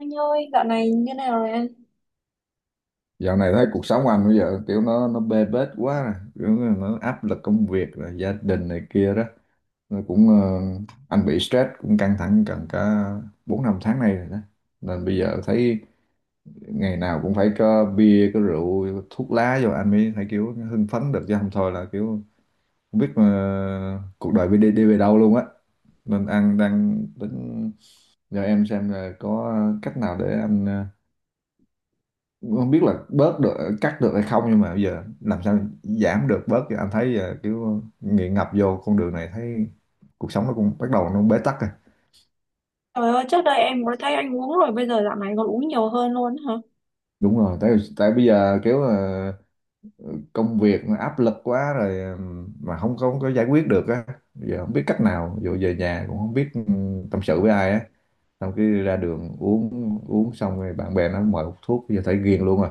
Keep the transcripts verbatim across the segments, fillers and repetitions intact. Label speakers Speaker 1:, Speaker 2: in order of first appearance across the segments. Speaker 1: Anh ơi, dạo này như nào rồi anh?
Speaker 2: Dạo này thấy cuộc sống anh bây giờ kiểu nó nó bê bết quá nè, kiểu nó áp lực công việc rồi gia đình này kia đó. Nó cũng ờ, anh bị stress, cũng căng thẳng gần cả bốn năm tháng nay rồi đó. Nên bây giờ thấy ngày nào cũng phải có bia có rượu thuốc lá vô anh mới thấy kiểu hưng phấn được, chứ không thôi là kiểu không biết mà cuộc đời đi đi về đâu luôn á. Nên anh đang tính nhờ em xem là có cách nào để anh ờ, không biết là bớt được, cắt được hay không, nhưng mà bây giờ làm sao giảm được bớt, thì anh thấy giờ kiểu nghiện ngập vô con đường này, thấy cuộc sống nó cũng bắt đầu nó bế tắc rồi.
Speaker 1: Trời ơi, trước đây em mới thấy anh uống rồi, bây giờ dạo này còn uống nhiều hơn luôn hả?
Speaker 2: Đúng rồi, tại tại bây giờ kiểu ờ, công việc áp lực quá rồi, ừm, mà không không có giải quyết được á. Giờ không biết cách nào, dù về nhà cũng không biết ừm, tâm sự với ai á. Xong cái ra đường uống uống xong rồi bạn bè nó mời hút thuốc, giờ thấy ghiền luôn rồi.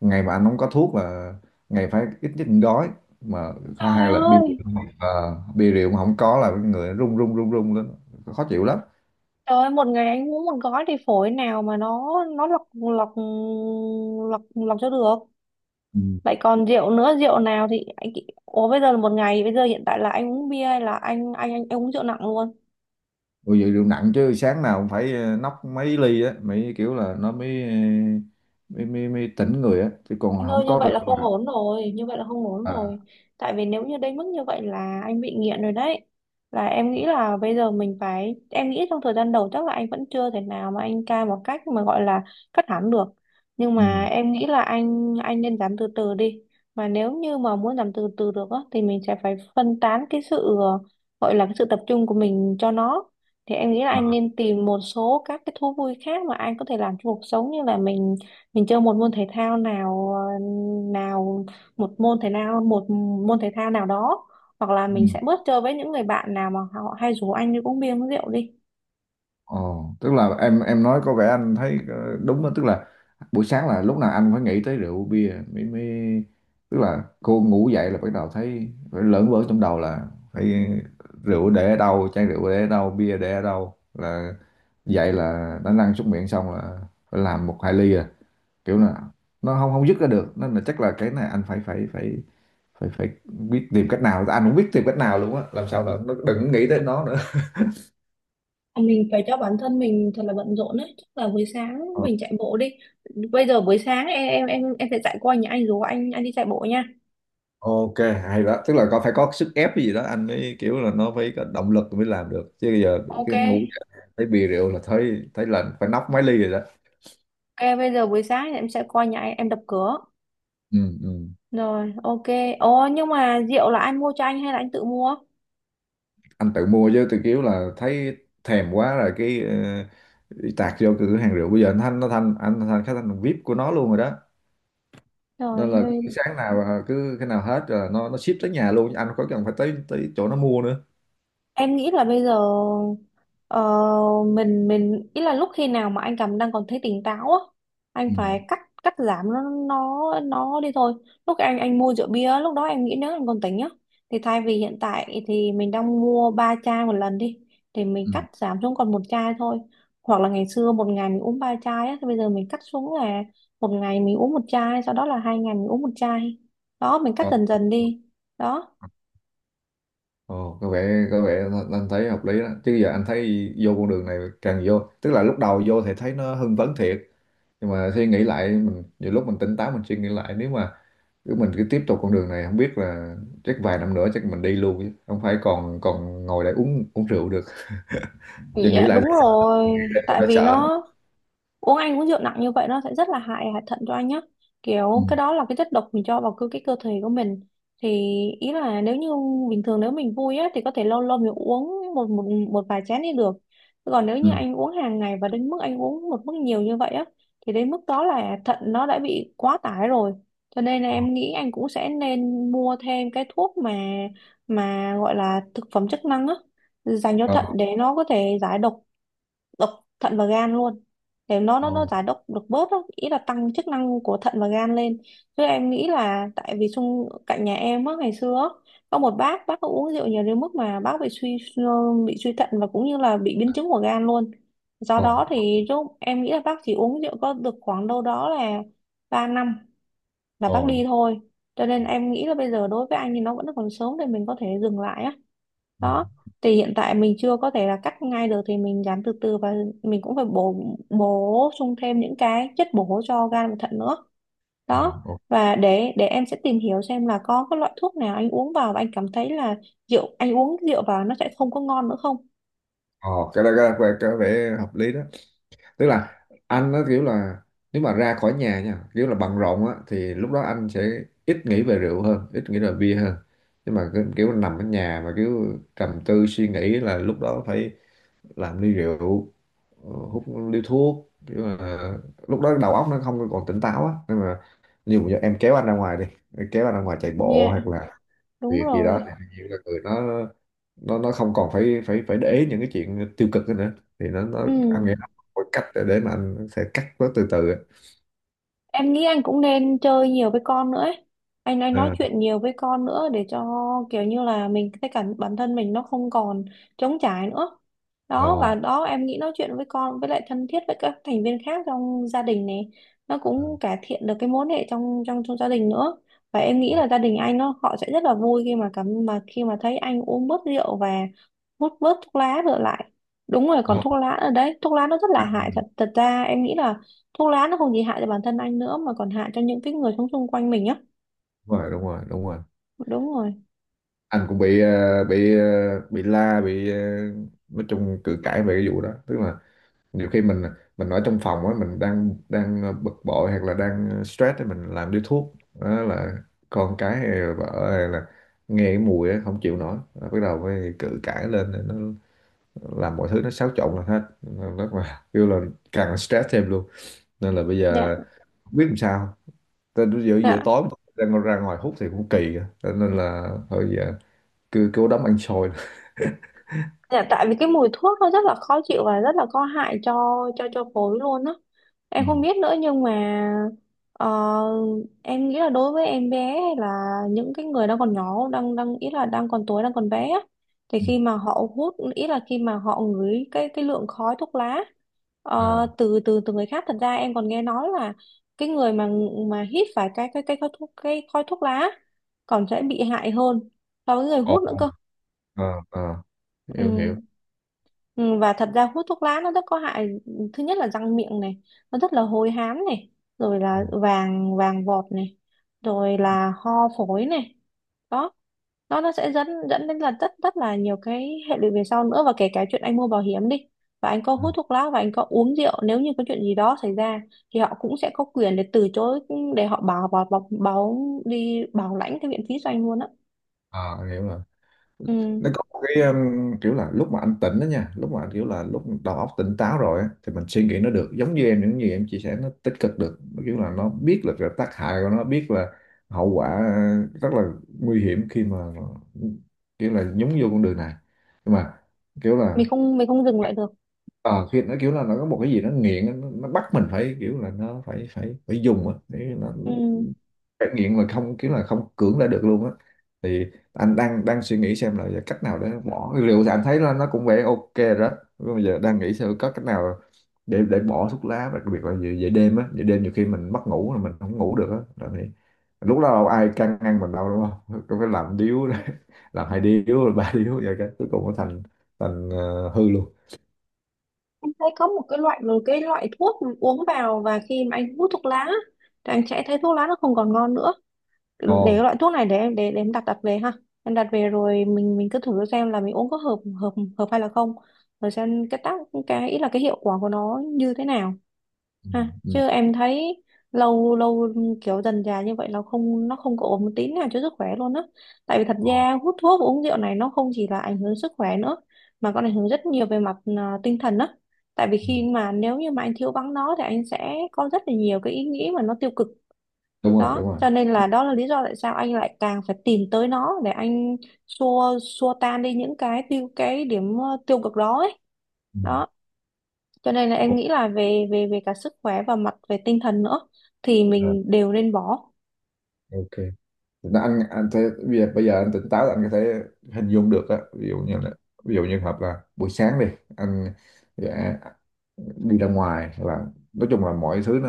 Speaker 2: Ngày mà anh không có thuốc là ngày phải ít nhất một gói mà. Có,
Speaker 1: Trời
Speaker 2: hay là bia rượu.
Speaker 1: ơi,
Speaker 2: ờ, Bia rượu mà không có là cái người run run run run lên, khó chịu lắm.
Speaker 1: trời ơi, một ngày anh uống một gói thì phổi nào mà nó nó lọc lọc lọc lọc cho được. Vậy còn rượu nữa, rượu nào thì anh. Ủa bây giờ là một ngày, bây giờ hiện tại là anh uống bia hay là anh anh anh, anh uống rượu nặng luôn?
Speaker 2: Ôi vậy rượu nặng chứ, sáng nào cũng phải ờ, nóc mấy ly á, mấy kiểu là nó mới ờ, mới mới, mới tỉnh người á, chứ còn
Speaker 1: Anh
Speaker 2: không
Speaker 1: ơi như
Speaker 2: có
Speaker 1: vậy
Speaker 2: rượu
Speaker 1: là không
Speaker 2: là.
Speaker 1: ổn rồi. Như vậy là không ổn rồi.
Speaker 2: À,
Speaker 1: Tại vì nếu như đến mức như vậy là anh bị nghiện rồi đấy. Là em nghĩ là bây giờ mình phải. Em nghĩ trong thời gian đầu chắc là anh vẫn chưa thể nào mà anh cai một cách mà gọi là cắt hẳn được. Nhưng
Speaker 2: ừ.
Speaker 1: mà em nghĩ là anh. Anh nên giảm từ từ đi. Mà nếu như mà muốn giảm từ từ được á, thì mình sẽ phải phân tán cái sự ờ, gọi là cái sự tập trung của mình cho nó. Thì em nghĩ là anh
Speaker 2: À,
Speaker 1: nên tìm một số các cái thú vui khác mà anh có thể làm cho cuộc sống, như là mình mình chơi một môn thể thao nào ờ, nào, một môn thể nào, một môn thể thao nào đó, hoặc là
Speaker 2: ừ.
Speaker 1: mình sẽ bớt chơi với những người bạn nào mà họ hay rủ anh đi uống bia uống rượu đi.
Speaker 2: Ồ, tức là em em nói có vẻ anh thấy ờ, đúng đó. Tức là buổi sáng là lúc nào anh phải nghĩ tới rượu bia mới mới Tức là cô ngủ dậy là bắt đầu thấy phải lởn vởn trong đầu là phải rượu để ở đâu, chai rượu để ở đâu, bia để ở đâu, là dậy là đã lăn xuống miệng xong là phải làm một hai ly à. Kiểu là nó không không dứt ra được, nên là chắc là cái này anh phải phải phải phải phải biết tìm cách nào, anh cũng biết tìm cách nào luôn á, làm sao là nó đừng nghĩ tới nó nữa.
Speaker 1: Mình phải cho bản thân mình thật là bận rộn đấy, chắc là buổi sáng
Speaker 2: Ờ,
Speaker 1: mình chạy bộ đi. Bây giờ buổi sáng em em em em sẽ chạy qua nhà anh rủ anh anh đi chạy bộ nha.
Speaker 2: ok. Hay đó, tức là có phải có sức ép gì đó anh mới kiểu là nó phải có động lực mới làm được, chứ bây giờ
Speaker 1: Ok.
Speaker 2: cái ngủ dậy thấy bia rượu là thấy thấy là phải nóc mấy ly rồi đó.
Speaker 1: Ok, bây giờ buổi sáng em sẽ qua nhà anh em đập cửa.
Speaker 2: Ừ, ừ.
Speaker 1: Rồi, ok. Ồ, nhưng mà rượu là anh mua cho anh hay là anh tự mua?
Speaker 2: Anh tự mua chứ, tự kiểu là thấy thèm quá rồi cái ờ, tạt vô cửa hàng rượu, bây giờ anh thanh nó thanh anh thanh khách thanh VIP của nó luôn rồi đó. Nên là cứ
Speaker 1: Rồi.
Speaker 2: sáng nào à, cứ cái nào hết rồi nó nó ship tới nhà luôn, anh không có cần phải tới tới chỗ nó mua nữa.
Speaker 1: Em nghĩ là bây giờ ờ, mình mình ý là lúc khi nào mà anh cảm đang còn thấy tỉnh táo á, anh
Speaker 2: Ừ.
Speaker 1: phải cắt cắt giảm nó nó nó đi thôi. Lúc anh anh mua rượu bia lúc đó em nghĩ, nếu anh còn tỉnh nhá, thì thay vì hiện tại thì mình đang mua ba chai một lần đi, thì mình
Speaker 2: Ừ.
Speaker 1: cắt giảm xuống còn một chai thôi. Hoặc là ngày xưa một ngày mình uống ba chai á, thì bây giờ mình cắt xuống là một ngày mình uống một chai, sau đó là hai ngày mình uống một chai. Đó, mình cắt
Speaker 2: Ờ.
Speaker 1: dần dần đi. Đó.
Speaker 2: Ồ, có vẻ có vẻ anh thấy hợp lý đó, chứ giờ anh thấy vô con đường này, càng vô tức là lúc đầu vô thì thấy nó hưng phấn thiệt, nhưng mà suy nghĩ lại, mình nhiều lúc mình tỉnh táo mình suy nghĩ lại, nếu mà cứ mình cứ tiếp tục con đường này không biết là chắc vài năm nữa chắc mình đi luôn, chứ không phải còn còn ngồi đây uống uống rượu được. Giờ nghĩ
Speaker 1: Dạ
Speaker 2: lại
Speaker 1: đúng rồi,
Speaker 2: thì
Speaker 1: tại
Speaker 2: đã
Speaker 1: vì
Speaker 2: sợ.
Speaker 1: nó uống anh uống rượu nặng như vậy nó sẽ rất là hại hại thận cho anh nhé.
Speaker 2: Ừ.
Speaker 1: Kiểu cái đó là cái chất độc mình cho vào cơ cái cơ thể của mình. Thì ý là, nếu như bình thường nếu mình vui á thì có thể lâu lâu mình uống một một một vài chén đi được. Còn nếu như
Speaker 2: Ừ.
Speaker 1: anh uống hàng ngày và đến mức anh uống một mức nhiều như vậy á, thì đến mức đó là thận nó đã bị quá tải rồi. Cho nên là em nghĩ anh cũng sẽ nên mua thêm cái thuốc mà mà gọi là thực phẩm chức năng á, dành cho
Speaker 2: Ờ,
Speaker 1: thận để nó có thể giải độc độc thận và gan luôn, để nó
Speaker 2: ờ,
Speaker 1: nó nó giải độc được bớt đó. Ý là tăng chức năng của thận và gan lên. Chứ em nghĩ là, tại vì xung cạnh nhà em á, ngày xưa á, có một bác bác có uống rượu nhiều đến mức mà bác bị suy bị suy thận và cũng như là bị biến chứng của gan luôn. Do
Speaker 2: ờ,
Speaker 1: đó thì lúc em nghĩ là bác chỉ uống rượu có được khoảng đâu đó là ba năm là
Speaker 2: ờ.
Speaker 1: bác đi thôi. Cho nên em nghĩ là bây giờ đối với anh thì nó vẫn còn sớm để mình có thể dừng lại á.
Speaker 2: Ừ.
Speaker 1: Đó, thì hiện tại mình chưa có thể là cắt ngay được thì mình làm từ từ và mình cũng phải bổ bổ sung thêm những cái chất bổ cho gan và thận nữa.
Speaker 2: À,
Speaker 1: Đó,
Speaker 2: ồ.
Speaker 1: và để để em sẽ tìm hiểu xem là có cái loại thuốc nào anh uống vào và anh cảm thấy là rượu, anh uống rượu vào nó sẽ không có ngon nữa không
Speaker 2: Ồ, cái đó, cái, đó- cái, có vẻ hợp lý đó. Tức là anh nó kiểu là nếu mà ra khỏi nhà nha, kiểu là bận rộn á, thì lúc đó anh sẽ ít nghĩ về rượu hơn, ít nghĩ về bia hơn. Nhưng mà cái- kiểu nằm ở nhà mà kiểu trầm tư suy nghĩ là lúc đó phải làm ly rượu, ờ, hút ly thuốc, kiểu là lúc đó đầu óc nó không còn tỉnh táo á. Nhưng mà nhiều giờ em kéo anh ra ngoài đi, kéo anh ra ngoài chạy bộ
Speaker 1: nha.
Speaker 2: hoặc là
Speaker 1: Đúng
Speaker 2: việc gì đó,
Speaker 1: rồi.
Speaker 2: thì nhiều là người nó nó nó không còn phải phải phải để ý những cái chuyện tiêu cực đó nữa, thì nó nó
Speaker 1: Ừ.
Speaker 2: anh nghĩ nó có cách để, để mà anh sẽ cắt nó từ từ á.
Speaker 1: Em nghĩ anh cũng nên chơi nhiều với con nữa ấy. Anh anh nói
Speaker 2: À.
Speaker 1: chuyện nhiều với con nữa để cho kiểu như là mình cái cảm bản thân mình nó không còn trống trải nữa.
Speaker 2: Ồ.
Speaker 1: Đó, và đó em nghĩ nói chuyện với con với lại thân thiết với các thành viên khác trong gia đình này, nó cũng cải thiện được cái mối hệ trong trong trong gia đình nữa. Và em nghĩ
Speaker 2: Ồ.
Speaker 1: là gia đình anh nó họ sẽ rất là vui khi mà cảm mà khi mà thấy anh uống bớt rượu và hút bớt thuốc lá trở lại. Đúng rồi, còn
Speaker 2: Ồ.
Speaker 1: thuốc lá ở đấy, thuốc lá nó rất là hại thật. Thật ra em nghĩ là thuốc lá nó không chỉ hại cho bản thân anh nữa mà còn hại cho những cái người sống xung quanh mình nhá.
Speaker 2: Đúng rồi, đúng rồi, đúng rồi.
Speaker 1: Đúng rồi.
Speaker 2: Anh cũng bị ờ, bị ờ, bị la, bị ờ, nói chung cự cãi về cái vụ đó. Tức là nhiều khi mình mình ở trong phòng á, mình đang đang ờ, bực bội hoặc là đang ờ, stress thì mình làm điếu thuốc, đó là con cái hay là vợ hay là nghe cái mùi á không chịu nổi. Rồi bắt đầu mới cự cãi lên, nó làm mọi thứ nó xáo trộn lên hết. Nên rất là kêu là càng là stress thêm luôn. Nên là bây
Speaker 1: Dạ.
Speaker 2: giờ không biết làm sao. Tại giữa giữa
Speaker 1: Dạ.
Speaker 2: tối đang ra ngoài hút thì cũng kỳ á. Cho nên là thôi giờ cứ cứ đấm ăn xôi.
Speaker 1: Dạ, tại vì cái mùi thuốc nó rất là khó chịu và rất là có hại cho cho cho phổi luôn á.
Speaker 2: Ừ.
Speaker 1: Em không biết nữa, nhưng mà ờ, em nghĩ là đối với em bé hay là những cái người đang còn nhỏ, đang đang ý là đang còn tuổi, đang còn bé á, thì
Speaker 2: Ừ.
Speaker 1: khi mà họ hút, ý là khi mà họ ngửi cái cái lượng khói thuốc lá ờ,
Speaker 2: À.
Speaker 1: từ từ từ người khác, thật ra em còn nghe nói là cái người mà mà hít phải cái cái cái khói thuốc, cái khói thuốc lá còn sẽ bị hại hơn so với người
Speaker 2: Ồ.
Speaker 1: hút nữa cơ.
Speaker 2: À. À, hiểu
Speaker 1: Ừ.
Speaker 2: hiểu.
Speaker 1: Ừ, và thật ra hút thuốc lá nó rất có hại. Thứ nhất là răng miệng này, nó rất là hôi hám này, rồi
Speaker 2: Ừ.
Speaker 1: là vàng vàng vọt này, rồi là ho phổi này. Đó, nó nó sẽ dẫn dẫn đến là rất rất là nhiều cái hệ lụy về sau nữa, và kể cả chuyện anh mua bảo hiểm đi, và anh có
Speaker 2: Ừ.
Speaker 1: hút thuốc lá và anh có uống rượu, nếu như có chuyện gì đó xảy ra thì họ cũng sẽ có quyền để từ chối, để họ bảo bảo bảo, bảo đi bảo lãnh cái viện phí cho anh luôn á.
Speaker 2: À, hiểu rồi.
Speaker 1: Ừ.
Speaker 2: Nó có một cái um, kiểu là lúc mà anh tỉnh đó nha, lúc mà anh kiểu là lúc đầu óc tỉnh táo rồi á, thì mình suy nghĩ nó được giống như em, những gì em chia sẻ nó tích cực được. Nó kiểu là nó biết là cái tác hại của nó, biết là hậu quả ờ, rất là nguy hiểm khi mà kiểu là nhúng vô con đường này. Nhưng mà kiểu
Speaker 1: mình
Speaker 2: là
Speaker 1: không mình không dừng lại được.
Speaker 2: ờ khi nó kiểu là nó có một cái gì nó nghiện nó, nó bắt mình phải kiểu là nó phải phải phải dùng á, để nó
Speaker 1: Ừ.
Speaker 2: phải nghiện mà không kiểu là không cưỡng lại được luôn á. Thì anh đang đang suy nghĩ xem là giờ cách nào để bỏ liệu, thì anh thấy là nó cũng vẻ ok rồi đó. Nhưng mà giờ đang nghĩ xem có cách nào để để bỏ thuốc lá, đặc biệt là về, về đêm á, về đêm nhiều khi mình mất ngủ là mình không ngủ được á là thì lúc đó đâu ai can ngăn mình đâu, đúng không? Cứ phải làm điếu làm hai điếu rồi ba điếu vậy, cái cuối cùng nó thành thành ờ, hư luôn.
Speaker 1: Anh thấy có một cái loại một cái loại thuốc uống vào và khi mà anh hút thuốc lá á, thì anh sẽ thấy thuốc lá nó không còn ngon nữa. Để cái
Speaker 2: Ngon.
Speaker 1: loại thuốc này, để em để, để em đặt đặt về ha. Em đặt về rồi mình mình cứ thử xem là mình uống có hợp hợp hợp hay là không. Rồi xem cái tác cái ý là cái hiệu quả của nó như thế nào
Speaker 2: Ừ,
Speaker 1: ha. Chứ
Speaker 2: ừ.
Speaker 1: em thấy lâu lâu kiểu dần dà như vậy là không, nó không có ổn một tí nào cho sức khỏe luôn á, tại vì thật
Speaker 2: Ờ,
Speaker 1: ra hút thuốc và uống rượu này nó không chỉ là ảnh hưởng sức khỏe nữa, mà còn ảnh hưởng rất nhiều về mặt à, tinh thần á. Tại vì
Speaker 2: ừ.
Speaker 1: khi mà, nếu như mà anh thiếu vắng nó thì anh sẽ có rất là nhiều cái ý nghĩ mà nó tiêu cực.
Speaker 2: Đúng rồi,
Speaker 1: Đó
Speaker 2: đúng rồi.
Speaker 1: cho nên là, đó là lý do tại sao anh lại càng phải tìm tới nó để anh xua xua tan đi những cái tiêu cái điểm ờ, tiêu cực đó ấy.
Speaker 2: Ừ.
Speaker 1: Đó cho nên là em
Speaker 2: Đúng.
Speaker 1: nghĩ là về về về cả sức khỏe và mặt về tinh thần nữa thì
Speaker 2: rồi.
Speaker 1: mình đều nên bỏ.
Speaker 2: Ờ, ok. Nó anh anh thấy bây giờ, bây giờ anh tỉnh táo là anh có thể hình dung được á, ví dụ như là ví dụ như hợp là buổi sáng đi, anh dạ, đi ra ngoài là nói chung là mọi thứ nó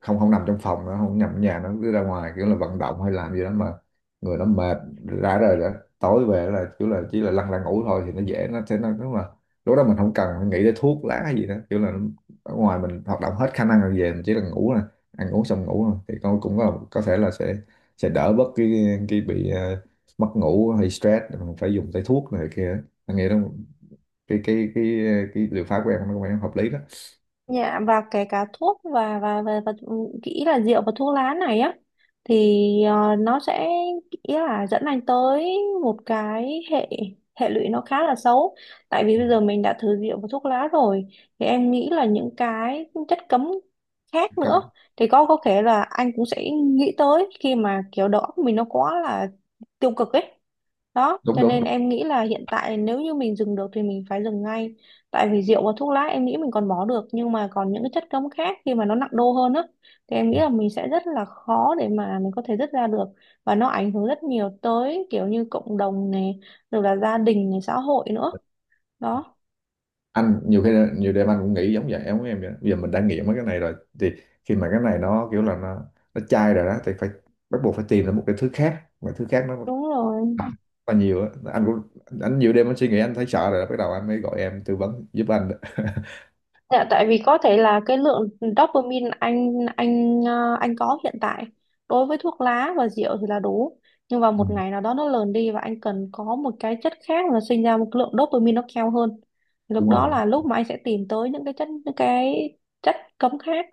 Speaker 2: không không nằm trong phòng, nó không nằm ở nhà, nó cứ ra ngoài kiểu là vận động hay làm gì đó mà người nó mệt rã rời đó. Tối về là kiểu là chỉ là lăn ra ngủ thôi, thì nó dễ, nó sẽ nó đúng là lúc đó mình không cần phải nghĩ tới thuốc lá hay gì đó, kiểu là ở ngoài mình hoạt động hết khả năng rồi, về mình chỉ là ngủ nè, ăn uống xong ngủ thôi, thì con cũng có có thể là sẽ sẽ đỡ bớt cái cái bị ờ, mất ngủ hay stress, mình phải dùng tới thuốc này kia. Anh nghĩ đó, cái cái cái cái liệu pháp của em nó cũng hợp lý đó.
Speaker 1: Dạ, và kể cả thuốc và và và, và kỹ là rượu và thuốc lá này á, thì ờ, nó sẽ kỹ là dẫn anh tới một cái hệ hệ lụy nó khá là xấu, tại vì bây giờ mình đã thử rượu và thuốc lá rồi thì em nghĩ là những cái chất cấm khác nữa
Speaker 2: Cấm.
Speaker 1: thì có có thể là anh cũng sẽ nghĩ tới, khi mà kiểu đầu óc mình nó quá là tiêu cực ấy. Đó,
Speaker 2: Đúng,
Speaker 1: cho
Speaker 2: đúng,
Speaker 1: nên
Speaker 2: đúng.
Speaker 1: em nghĩ là hiện tại nếu như mình dừng được thì mình phải dừng ngay. Tại vì rượu và thuốc lá em nghĩ mình còn bỏ được, nhưng mà còn những cái chất cấm khác khi mà nó nặng đô hơn á, thì em nghĩ là mình sẽ rất là khó để mà mình có thể dứt ra được, và nó ảnh hưởng rất nhiều tới kiểu như cộng đồng này, rồi là gia đình này, xã hội nữa. Đó,
Speaker 2: Anh nhiều khi, nhiều đêm anh cũng nghĩ giống vậy, em của em vậy đó. Bây giờ mình đã nghiện mấy cái này rồi, thì khi mà cái này nó kiểu là nó nó chai rồi đó, thì phải bắt buộc phải tìm ra một cái thứ khác, một cái thứ khác nó
Speaker 1: đúng rồi.
Speaker 2: là nhiều á. Anh cũng anh nhiều đêm anh suy nghĩ, anh thấy sợ rồi đó, bắt đầu anh mới gọi em tư vấn giúp anh đó.
Speaker 1: Dạ, tại vì có thể là cái lượng dopamine anh anh ờ, anh có hiện tại đối với thuốc lá và rượu thì là đủ, nhưng vào
Speaker 2: Ừ,
Speaker 1: một ngày nào đó nó lờn đi và anh cần có một cái chất khác là sinh ra một lượng dopamine nó cao hơn. Thì lúc
Speaker 2: đúng
Speaker 1: đó
Speaker 2: rồi,
Speaker 1: là lúc mà anh sẽ tìm tới những cái chất những cái chất cấm khác.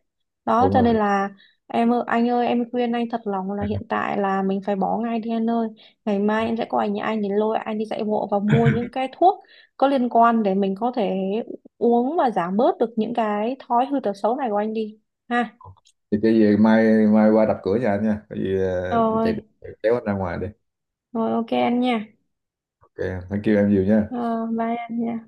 Speaker 1: Đó
Speaker 2: đúng
Speaker 1: cho nên
Speaker 2: rồi.
Speaker 1: là, em ơi anh ơi, em khuyên anh thật lòng là hiện tại là mình phải bỏ ngay đi anh ơi. Ngày mai em sẽ qua nhà anh để lôi anh đi dạy bộ và mua những cái thuốc có liên quan để mình có thể uống và giảm bớt được những cái thói hư tật xấu này của anh đi ha.
Speaker 2: Thì cái gì mai mai qua đập cửa nhà anh nha, cái gì ờ, chạy
Speaker 1: Rồi.
Speaker 2: chạy kéo anh ra ngoài đi.
Speaker 1: Rồi, ok anh nha.
Speaker 2: Ok, thank you em nhiều nha.
Speaker 1: ờ, bye anh nha.